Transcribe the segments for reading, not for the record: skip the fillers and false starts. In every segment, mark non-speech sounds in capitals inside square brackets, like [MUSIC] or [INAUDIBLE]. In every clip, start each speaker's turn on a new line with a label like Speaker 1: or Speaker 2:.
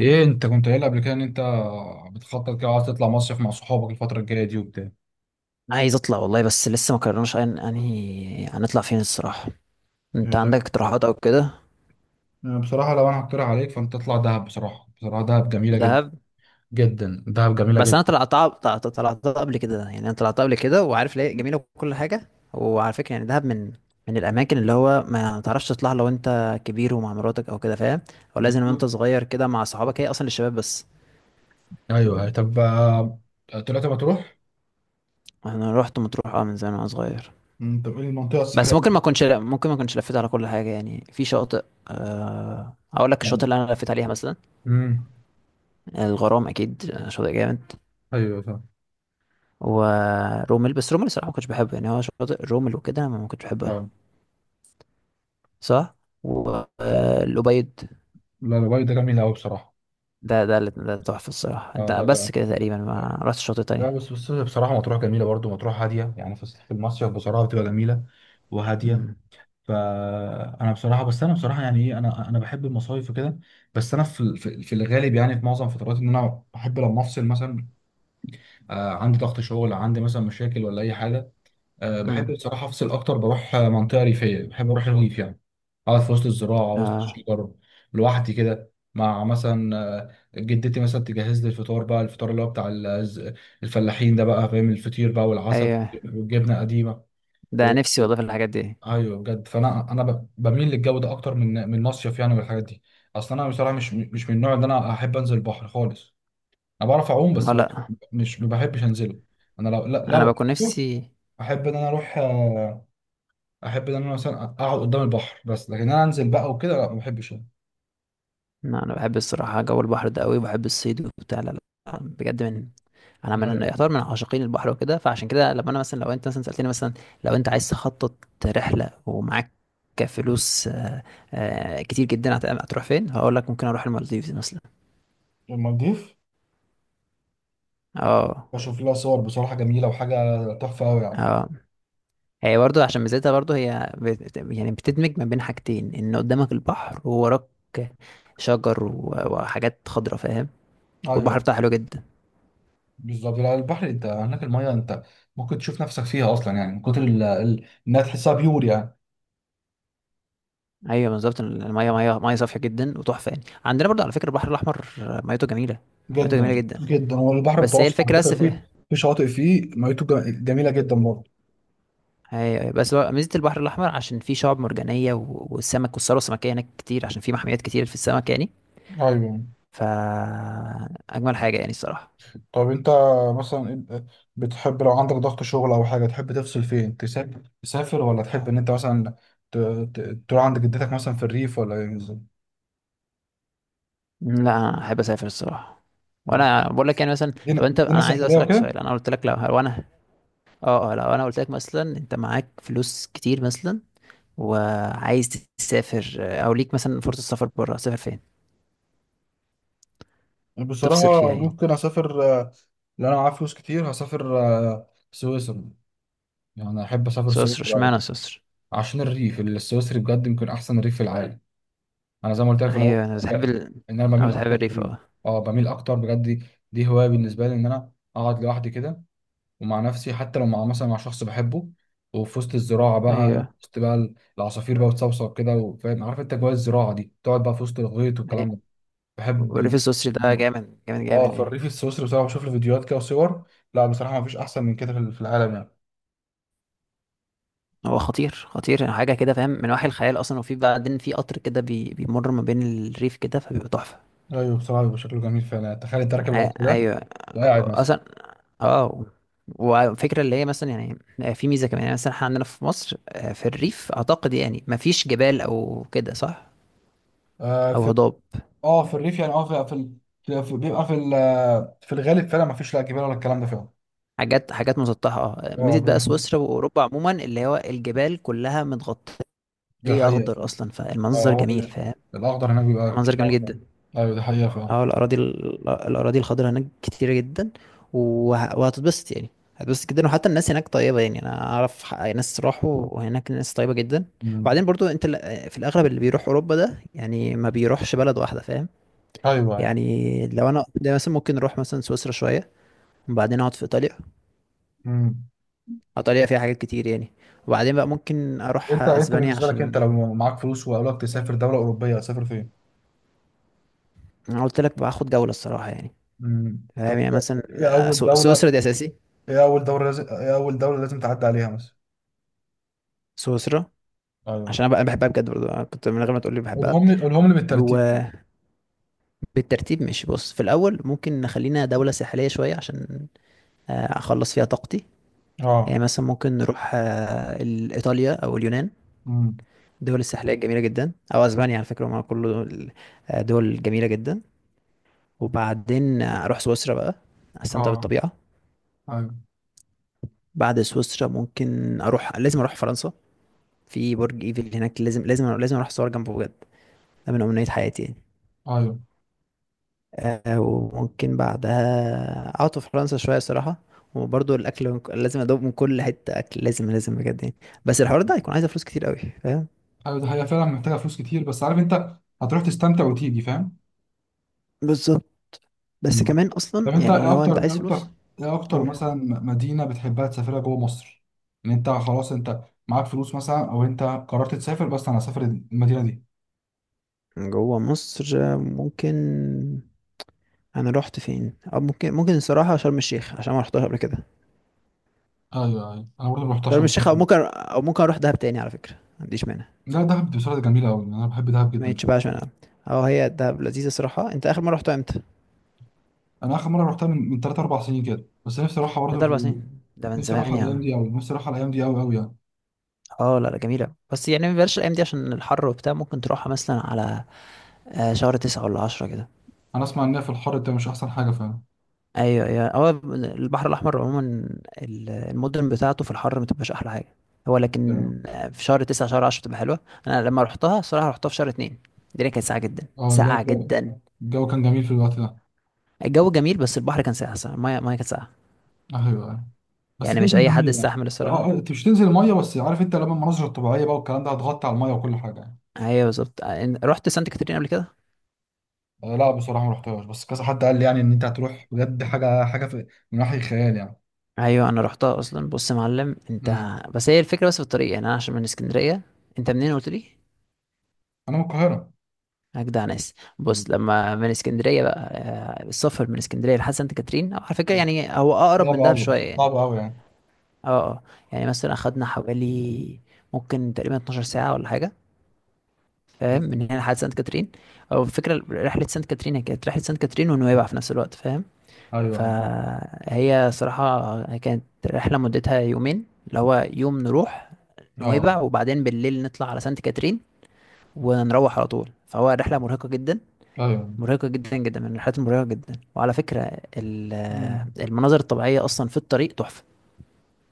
Speaker 1: ايه انت كنت قايل قبل كده ان انت بتخطط كده عايز تطلع مصيف مع صحابك الفترة الجاية دي وبتاع
Speaker 2: عايز اطلع والله، بس لسه ما قررناش انهي هنطلع فين الصراحه. انت
Speaker 1: يعني
Speaker 2: عندك
Speaker 1: ده-
Speaker 2: اقتراحات او كده؟
Speaker 1: أنا بصراحة لو انا هقترح عليك فانت تطلع دهب بصراحة، بصراحة دهب جميلة جدا
Speaker 2: دهب.
Speaker 1: جدا، دهب جميلة
Speaker 2: بس
Speaker 1: جدا.
Speaker 2: انا طلعت قبل كده، يعني انا طلعت قبل كده وعارف ليه جميله وكل حاجه. وعلى فكره يعني دهب من الاماكن اللي هو ما تعرفش تطلع لو انت كبير ومع مراتك او كده، فاهم؟ هو لازم وانت
Speaker 1: بالظبط،
Speaker 2: صغير كده مع صحابك، هي اصلا للشباب بس.
Speaker 1: ايوه طب طلعت مطروح.
Speaker 2: انا رحت مطروح من زمان وانا صغير.
Speaker 1: انت بتقول المنطقه
Speaker 2: بس
Speaker 1: الساحليه؟
Speaker 2: ممكن ما اكونش لفيت على كل حاجه، يعني في شاطئ. اقول لك الشاطئ اللي انا لفيت عليها مثلا:
Speaker 1: امم
Speaker 2: الغرام اكيد، شاطئ جامد.
Speaker 1: ايوه فاهم.
Speaker 2: ورومل، بس رومل الصراحه ما كنتش بحبه، يعني هو شاطئ رومل وكده ما كنتش بحبها.
Speaker 1: آه،
Speaker 2: صح. والأبيض.
Speaker 1: لا الواي ده جميل قوي بصراحة.
Speaker 2: ده تحفه الصراحه،
Speaker 1: اه
Speaker 2: انت
Speaker 1: ده
Speaker 2: بس
Speaker 1: ده-
Speaker 2: كده تقريبا ما رحتش شاطئ
Speaker 1: لا
Speaker 2: تانية.
Speaker 1: بس بصراحة مطروح جميلة برضو، مطروح هادية، يعني في المصيف بصراحة بتبقى جميلة وهادية.
Speaker 2: امم.
Speaker 1: فانا بصراحه، بس انا بصراحه يعني ايه، انا بحب المصايف وكده، بس انا في الغالب يعني في معظم فترات ان انا بحب لما افصل مثلا، آه عندي ضغط شغل، عندي مثلا مشاكل ولا اي حاجه، آه بحب
Speaker 2: امم.
Speaker 1: بصراحه افصل اكتر، بروح منطقه ريفيه، بحب اروح الريف يعني، اقعد في وسط الزراعه وسط
Speaker 2: اه.
Speaker 1: الشجر، لوحدي كده مع مثلا جدتي، مثلا تجهز لي الفطار بقى، الفطار اللي هو بتاع الفلاحين ده بقى، فاهم، الفطير بقى والعسل
Speaker 2: ايوه.
Speaker 1: والجبنه قديمه.
Speaker 2: ده نفسي والله في الحاجات دي.
Speaker 1: ايوه بجد، فانا انا بميل للجو ده اكتر من مصيف يعني والحاجات دي. اصل انا بصراحه مش من النوع اللي انا احب انزل البحر خالص. انا بعرف اعوم
Speaker 2: اه،
Speaker 1: بس
Speaker 2: لا.
Speaker 1: مش، ما بحبش انزله. انا لو لا-
Speaker 2: انا
Speaker 1: لو
Speaker 2: بكون نفسي.
Speaker 1: احب ان انا اروح احب ان انا مثلا اقعد قدام البحر، بس لكن انا انزل بقى وكده لا ما بحبش أنا.
Speaker 2: لا، انا بحب الصراحه جو البحر ده قوي، وبحب الصيد وبتاع. لا لا، بجد. من انا من
Speaker 1: ايوه
Speaker 2: يعتبر من عاشقين البحر وكده، فعشان كده لما انا مثلا لو انت مثلا سالتني مثلا لو انت عايز تخطط رحله، ومعاك فلوس كتير جدا، هتروح فين؟ هقول لك ممكن اروح المالديفز مثلا.
Speaker 1: المالديف،
Speaker 2: اه.
Speaker 1: بشوف لها صور بصراحه جميله وحاجه تحفه قوي يعني.
Speaker 2: اه، هي برضو عشان ميزتها، برضو هي يعني بتدمج ما بين حاجتين، ان قدامك البحر ووراك شجر وحاجات خضرا، فاهم؟ والبحر
Speaker 1: ايوه
Speaker 2: بتاعها حلو جدا.
Speaker 1: بالظبط، لا، البحر انت هناك الميه انت ممكن تشوف نفسك فيها اصلا يعني من كتر انها تحسها بيور يعني.
Speaker 2: ايوه بالظبط، الميه ميه ميه صافيه جدا وتحفه. يعني عندنا برضو على فكره البحر الاحمر ميته جميله، ميته
Speaker 1: جدا
Speaker 2: جميله جدا.
Speaker 1: جدا. هو البحر
Speaker 2: بس هي
Speaker 1: المتوسط على
Speaker 2: الفكرة بس.
Speaker 1: فكره فيه، في شواطئ فيه ميته جميله جدا برضه.
Speaker 2: أيوة أيوة. بس هو ميزة البحر الأحمر عشان فيه شعاب مرجانية والسمك، والثروة السمكية هناك كتير عشان فيه محميات كتير في السمك يعني.
Speaker 1: ايوه.
Speaker 2: فأجمل حاجة يعني الصراحة.
Speaker 1: طب انت مثلا، إنت بتحب لو عندك ضغط شغل او حاجه تحب تفصل فين، تسافر تسافر، ولا تحب ان انت مثلا ت- تروح عند جدتك مثلا في الريف، ولا إيه بالظبط؟
Speaker 2: م، لا، أنا أحب أسافر الصراحة. وأنا بقول لك يعني مثلا. طب
Speaker 1: مدينه،
Speaker 2: أنت،
Speaker 1: مدينه
Speaker 2: أنا عايز
Speaker 1: ساحليه
Speaker 2: أسألك
Speaker 1: وكده؟
Speaker 2: سؤال. أنا قلت لك لو أنا... أه أه لو أنا قلت لك مثلا أنت معاك فلوس كتير مثلا، وعايز تسافر، أو ليك مثلا فرصة سفر بره، تسافر فين؟
Speaker 1: بصراحه
Speaker 2: تفصل فيها يعني.
Speaker 1: ممكن اسافر لو انا معايا فلوس كتير هسافر سويسرا، يعني احب اسافر
Speaker 2: سويسرا؟
Speaker 1: سويسرا أوي.
Speaker 2: اشمعنى سويسرا؟
Speaker 1: عشان الريف السويسري بجد يمكن احسن ريف في العالم. انا زي ما قلت لك في الاول
Speaker 2: أيوة أنا
Speaker 1: ب-
Speaker 2: بتحب
Speaker 1: ان انا
Speaker 2: أه،
Speaker 1: بميل
Speaker 2: بتحب
Speaker 1: اكتر
Speaker 2: الريف،
Speaker 1: للهدوء.
Speaker 2: أه.
Speaker 1: اه بميل اكتر بجد، دي دي هوايه بالنسبه لي ان انا اقعد لوحدي كده ومع نفسي، حتى لو مع مثلا مع شخص بحبه، وفي وسط الزراعه بقى،
Speaker 2: أيوة
Speaker 1: في وسط بقى العصافير بقى بتصوصو كده، وفاهم عارف انت جوه الزراعه دي تقعد بقى في وسط الغيط والكلام ده،
Speaker 2: أيوة. وريف
Speaker 1: بحب.
Speaker 2: السوسري ده جامد جامد
Speaker 1: اه
Speaker 2: جامد
Speaker 1: في
Speaker 2: يعني.
Speaker 1: الريف السويسري بصراحه بشوف له فيديوهات كده وصور، لا بصراحه ما فيش احسن من كده في العالم يعني.
Speaker 2: هو خطير خطير يعني، حاجة كده فاهم من وحي الخيال أصلا. وفي بعدين في قطر كده بيمر ما بين الريف كده فبيبقى تحفة.
Speaker 1: ايوه بصراحه بيبقى شكله جميل فعلا، تخيل انت راكب القطر ده
Speaker 2: أيوة.
Speaker 1: وقاعد
Speaker 2: أصلا. اه. وفكرة اللي هي مثلا يعني في ميزة كمان، يعني مثلا احنا عندنا في مصر في الريف أعتقد يعني مفيش جبال أو كده، صح؟ أو
Speaker 1: مثلا.
Speaker 2: هضاب.
Speaker 1: اه في الريف يعني، اه في في, بيبقى في الغالب فعلا ما فيش لا جبال ولا الكلام ده فعلا.
Speaker 2: حاجات مسطحة. اه،
Speaker 1: اه
Speaker 2: ميزة بقى
Speaker 1: بال-
Speaker 2: سويسرا وأوروبا عموما اللي هو الجبال كلها متغطية
Speaker 1: ده حقيقة
Speaker 2: أخضر
Speaker 1: فعلا.
Speaker 2: أصلا،
Speaker 1: اه
Speaker 2: فالمنظر
Speaker 1: هو
Speaker 2: جميل، فاهم؟
Speaker 1: الاخضر هناك بيبقى
Speaker 2: منظر
Speaker 1: كتير
Speaker 2: جميل
Speaker 1: أوي فعلا.
Speaker 2: جدا.
Speaker 1: ايوه ده حقيقة فعلا.
Speaker 2: اه، الاراضي الخضراء هناك كتيرة جدا. وهتتبسط يعني، هتتبسط جدا. وحتى الناس هناك طيبة، يعني انا اعرف ناس راحوا وهناك الناس طيبة جدا.
Speaker 1: امم.
Speaker 2: وبعدين برضو انت في الاغلب اللي بيروح اوروبا ده يعني ما بيروحش بلد واحدة، فاهم
Speaker 1: ايوه ايوه.
Speaker 2: يعني؟ لو انا ده مثلا ممكن اروح مثلا سويسرا شوية، وبعدين اقعد في ايطاليا.
Speaker 1: امم.
Speaker 2: ايطاليا فيها حاجات كتير يعني. وبعدين بقى ممكن اروح
Speaker 1: وانت
Speaker 2: اسبانيا
Speaker 1: بالنسبة لك انت
Speaker 2: عشان...
Speaker 1: لو معاك فلوس وقالك تسافر دولة أوروبية هتسافر فين؟
Speaker 2: انا قلت لك باخد جولة الصراحة يعني. فاهم
Speaker 1: طب،
Speaker 2: يعني مثلا
Speaker 1: ايه أول دولة،
Speaker 2: سويسرا دي اساسي.
Speaker 1: ايه أول دولة لازم تعدي عليها مثلا؟
Speaker 2: سويسرا
Speaker 1: ايوه.
Speaker 2: عشان انا بقى بحبها بجد برضه، أنا كنت من غير ما تقول لي بحبها.
Speaker 1: قولهم لي بالترتيب كده.
Speaker 2: وبالترتيب ماشي. بص في الاول ممكن نخلينا دوله ساحليه شويه عشان اخلص فيها طاقتي. يعني
Speaker 1: اه.
Speaker 2: مثلا ممكن نروح ايطاليا او اليونان.
Speaker 1: امم.
Speaker 2: الدول الساحليه جميله جدا، او اسبانيا على فكره، هم كله دول دول جميله جدا. وبعدين اروح سويسرا بقى، استمتع
Speaker 1: اه.
Speaker 2: بالطبيعه.
Speaker 1: ايوه.
Speaker 2: بعد سويسرا ممكن اروح، لازم اروح فرنسا. في برج ايفل هناك، لازم لازم لازم اروح اصور جنبه بجد، ده من امنيات حياتي يعني.
Speaker 1: ايوه.
Speaker 2: وممكن بعدها قعدت في فرنسا شوية صراحة. وبرضه الأكل لازم أدوق من كل حتة أكل، لازم لازم بجد يعني. بس الحوار ده هيكون عايز فلوس كتير قوي، فاهم؟
Speaker 1: ايوه دي حقيقة فعلا، محتاجة فلوس كتير، بس عارف انت هتروح تستمتع وتيجي، فاهم.
Speaker 2: بالظبط. بس
Speaker 1: مم.
Speaker 2: كمان
Speaker 1: طب
Speaker 2: أصلا
Speaker 1: انت،
Speaker 2: يعني
Speaker 1: ايه
Speaker 2: هو أنت
Speaker 1: اكتر
Speaker 2: عايز
Speaker 1: ايه
Speaker 2: فلوس.
Speaker 1: اكتر ايه اكتر
Speaker 2: قول.
Speaker 1: مثلا مدينة بتحبها تسافرها جوه مصر، ان انت خلاص انت معاك فلوس مثلا، او انت قررت تسافر، بس انا هسافر المدينة دي.
Speaker 2: جوه مصر ممكن... أنا رحت فين؟ أو ممكن ممكن الصراحة شرم الشيخ عشان ما رحتهاش قبل كده.
Speaker 1: ايوه ايوه انا برضه ما رحتش طب
Speaker 2: شرم
Speaker 1: قبل
Speaker 2: الشيخ أو
Speaker 1: كده.
Speaker 2: ممكن، أو ممكن أروح دهب تاني على فكرة، ما عنديش مانع.
Speaker 1: لا دهب دي بصراحة جميلة قوي، انا بحب دهب
Speaker 2: ما
Speaker 1: جدا بصراحة.
Speaker 2: يتشبعش منها. أه، هي دهب لذيذة صراحة. أنت آخر مرة رحتها إمتى؟
Speaker 1: انا اخر مرة رحتها من 3 4 سنين كده، بس نفسي اروحها برضه
Speaker 2: تلات
Speaker 1: في
Speaker 2: أربع سنين ده من
Speaker 1: نفسي
Speaker 2: زمان
Speaker 1: اروحها
Speaker 2: يا
Speaker 1: الايام
Speaker 2: عم.
Speaker 1: دي قوي، قوي يعني.
Speaker 2: اه لا لا، جميلة، بس يعني ما بلاش الأيام دي عشان الحر وبتاع. ممكن تروحها مثلا على شهر تسعة ولا عشرة كده.
Speaker 1: انا اسمع ان هي في الحر ده مش احسن حاجة فعلا.
Speaker 2: أيوة أيوة. هو البحر الأحمر عموما المدن بتاعته في الحر ما تبقاش أحلى حاجة. هو لكن
Speaker 1: اه
Speaker 2: في شهر تسعة شهر عشرة بتبقى حلوة. أنا لما روحتها الصراحة روحتها في شهر اتنين، الدنيا كانت ساقعة جدا
Speaker 1: ده
Speaker 2: ساقعة
Speaker 1: الجو،
Speaker 2: جدا.
Speaker 1: الجو كان جميل في الوقت ده.
Speaker 2: الجو جميل بس البحر كان ساقع الصراحة. المية كانت ساقعة.
Speaker 1: ايوه أيوة. بس
Speaker 2: يعني
Speaker 1: جوده
Speaker 2: مش أي حد
Speaker 1: الميه يعني.
Speaker 2: يستحمل
Speaker 1: اه
Speaker 2: الصراحة.
Speaker 1: آه، انت مش تنزل الميه بس عارف انت لما المناظر الطبيعيه بقى والكلام ده هتغطي على الميه وكل حاجه يعني.
Speaker 2: أيوة بالظبط. رحت سانت كاترين قبل كده.
Speaker 1: آه لا بصراحه ما رحتهاش، بس كذا حد قال لي يعني ان انت هتروح بجد، حاجه في من وحي الخيال يعني.
Speaker 2: ايوه انا رحتها اصلا. بص يا معلم انت،
Speaker 1: امم.
Speaker 2: بس هي الفكره بس، في الطريق يعني انا عشان من اسكندريه. انت منين قلت لي؟
Speaker 1: انا من القاهره.
Speaker 2: اجدع ناس.
Speaker 1: مم.
Speaker 2: بص لما من اسكندريه بقى السفر من اسكندريه لحد سانت كاترين أو على فكره، يعني هو اقرب
Speaker 1: صعب
Speaker 2: من دهب
Speaker 1: قوي،
Speaker 2: شويه يعني.
Speaker 1: صعب قوي يعني.
Speaker 2: اه اه يعني مثلا اخدنا حوالي ممكن تقريبا 12 ساعه ولا حاجه، فاهم، من هنا لحد سانت كاترين. او الفكره رحله سانت كاترين هي كانت رحله سانت كاترين ونويبع في نفس الوقت، فاهم.
Speaker 1: ايوه ايوه.
Speaker 2: فهي صراحة كانت رحلة مدتها يومين، اللي هو يوم نروح
Speaker 1: اه.
Speaker 2: نويبع وبعدين بالليل نطلع على سانت كاترين ونروح على طول. فهو رحلة مرهقة جدا،
Speaker 1: ايوه.
Speaker 2: مرهقة جدا جدا، من الرحلات المرهقة جدا. وعلى فكرة
Speaker 1: مم.
Speaker 2: المناظر الطبيعية أصلا في الطريق تحفة.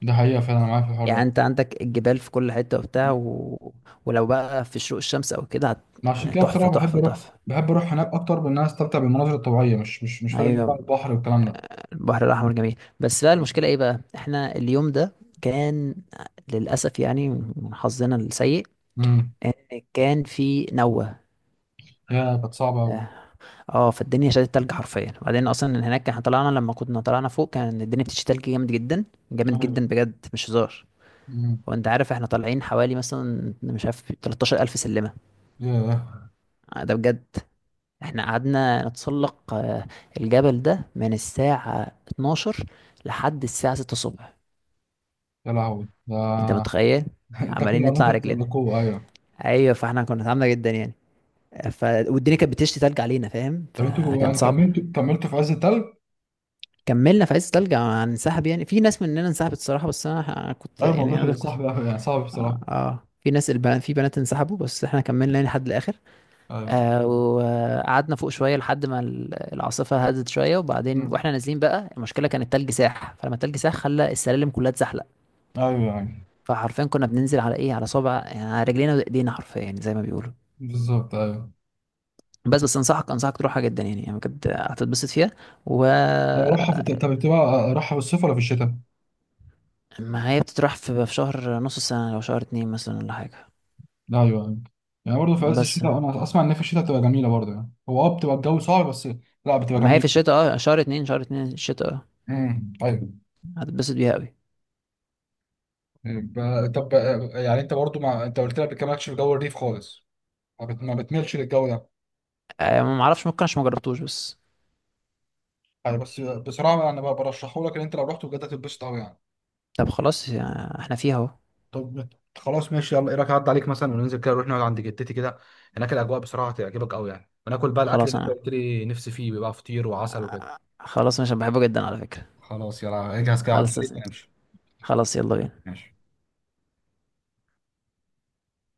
Speaker 1: ده حقيقه فعلا انا معاك في الحوار
Speaker 2: يعني
Speaker 1: ده.
Speaker 2: أنت عندك الجبال في كل حتة وبتاع و... ولو بقى في شروق الشمس أو كده
Speaker 1: ما عشان كده
Speaker 2: تحفة
Speaker 1: بصراحه بحب
Speaker 2: تحفة
Speaker 1: اروح،
Speaker 2: تحفة.
Speaker 1: بحب اروح هناك اكتر، بان انا استمتع بالمناظر الطبيعيه، مش فارق معايا بقى
Speaker 2: أيوة.
Speaker 1: البحر والكلام ده.
Speaker 2: البحر الأحمر جميل. بس بقى المشكلة ايه بقى، احنا اليوم ده كان للأسف يعني، من حظنا السيء
Speaker 1: امم.
Speaker 2: ان كان في نوة.
Speaker 1: يا كانت صعبه قوي.
Speaker 2: اه، فالدنيا شدت تلج حرفيا. وبعدين اصلا إن هناك احنا طلعنا، لما كنا طلعنا فوق كان الدنيا بتشتي تلج جامد جدا، جامد جدا بجد مش هزار.
Speaker 1: ايوه.
Speaker 2: وانت عارف احنا طالعين حوالي مثلا مش عارف 13,000 سلمة.
Speaker 1: ياه.
Speaker 2: ده بجد. احنا قعدنا نتسلق الجبل ده من الساعة 12 لحد الساعة 6 الصبح.
Speaker 1: يا لهوي
Speaker 2: انت
Speaker 1: ده.
Speaker 2: متخيل؟
Speaker 1: [LAUGHS] ده كل
Speaker 2: عمالين
Speaker 1: ما انت
Speaker 2: نطلع رجلنا.
Speaker 1: تتسلقوه، ايوه.
Speaker 2: ايوه. فاحنا كنا تعبنا جدا يعني. والدنيا كانت بتشتي تلج علينا، فاهم،
Speaker 1: طب انتوا
Speaker 2: فكان
Speaker 1: يعني
Speaker 2: صعب.
Speaker 1: كملتوا في عز التلج؟
Speaker 2: كملنا في عز التلج. هننسحب يعني في ناس مننا انسحبت الصراحه، بس انا كنت
Speaker 1: ايوه
Speaker 2: يعني
Speaker 1: الموضوع
Speaker 2: انا كنت...
Speaker 1: صعب أوي يعني صعب بصراحة.
Speaker 2: في ناس البنات، في بنات انسحبوا، بس احنا كملنا يعني لحد الاخر.
Speaker 1: ايوه.
Speaker 2: وقعدنا فوق شويه لحد ما العاصفه هدت شويه. وبعدين
Speaker 1: مم.
Speaker 2: واحنا نازلين بقى، المشكله كان التلج ساح، فلما التلج ساح خلى السلالم كلها اتزحلق.
Speaker 1: ايوه يعني.
Speaker 2: فحرفيا كنا بننزل على ايه، على صابع يعني، على رجلينا وايدينا حرفيا، يعني زي ما بيقولوا.
Speaker 1: بالظبط ايوه.
Speaker 2: بس انصحك تروحها جدا يعني، يعني بجد هتتبسط فيها. و...
Speaker 1: لا، راحة في، طب بتبقى راحة في الصيف ولا في الشتاء؟
Speaker 2: ما هي بتتراح في شهر نص السنة، لو شهر اتنين مثلا ولا حاجة.
Speaker 1: لا ايوه يعني، يعني برضه في عز
Speaker 2: بس،
Speaker 1: الشتاء انا اسمع ان في الشتاء بتبقى جميلة برضه يعني، هو اه بتبقى الجو صعب بس لا بتبقى
Speaker 2: ما هي في
Speaker 1: جميلة.
Speaker 2: الشتاء اه، شهر اتنين، شهر اتنين الشتاء، اه،
Speaker 1: ايوه.
Speaker 2: هتتبسط بيها قوي.
Speaker 1: طب يعني انت برضه مع... انت قلت لك ما بتكملش في جو الريف خالص، ما بتميلش للجو ده
Speaker 2: آه، ما معرفش ممكن عشان ما جربتوش بس.
Speaker 1: يعني. بس بصراحه انا بقى برشحه لك ان انت لو رحت بجد هتتبسط قوي يعني.
Speaker 2: طب خلاص احنا فيها اهو.
Speaker 1: طب خلاص ماشي، يلا ايه رايك اعدي عليك مثلا وننزل كده، نروح نقعد عند جدتي كده، هناك الاجواء بصراحه هتعجبك قوي يعني، وناكل بقى الاكل
Speaker 2: خلاص
Speaker 1: اللي انت
Speaker 2: انا
Speaker 1: قلت لي نفسي فيه، بيبقى فطير وعسل وكده.
Speaker 2: خلاص انا عشان بحبه جدا على فكرة.
Speaker 1: خلاص يلا اجهز كده، عدى
Speaker 2: خلاص.
Speaker 1: عليك ونمشي.
Speaker 2: خلاص يلا بينا.
Speaker 1: ماشي.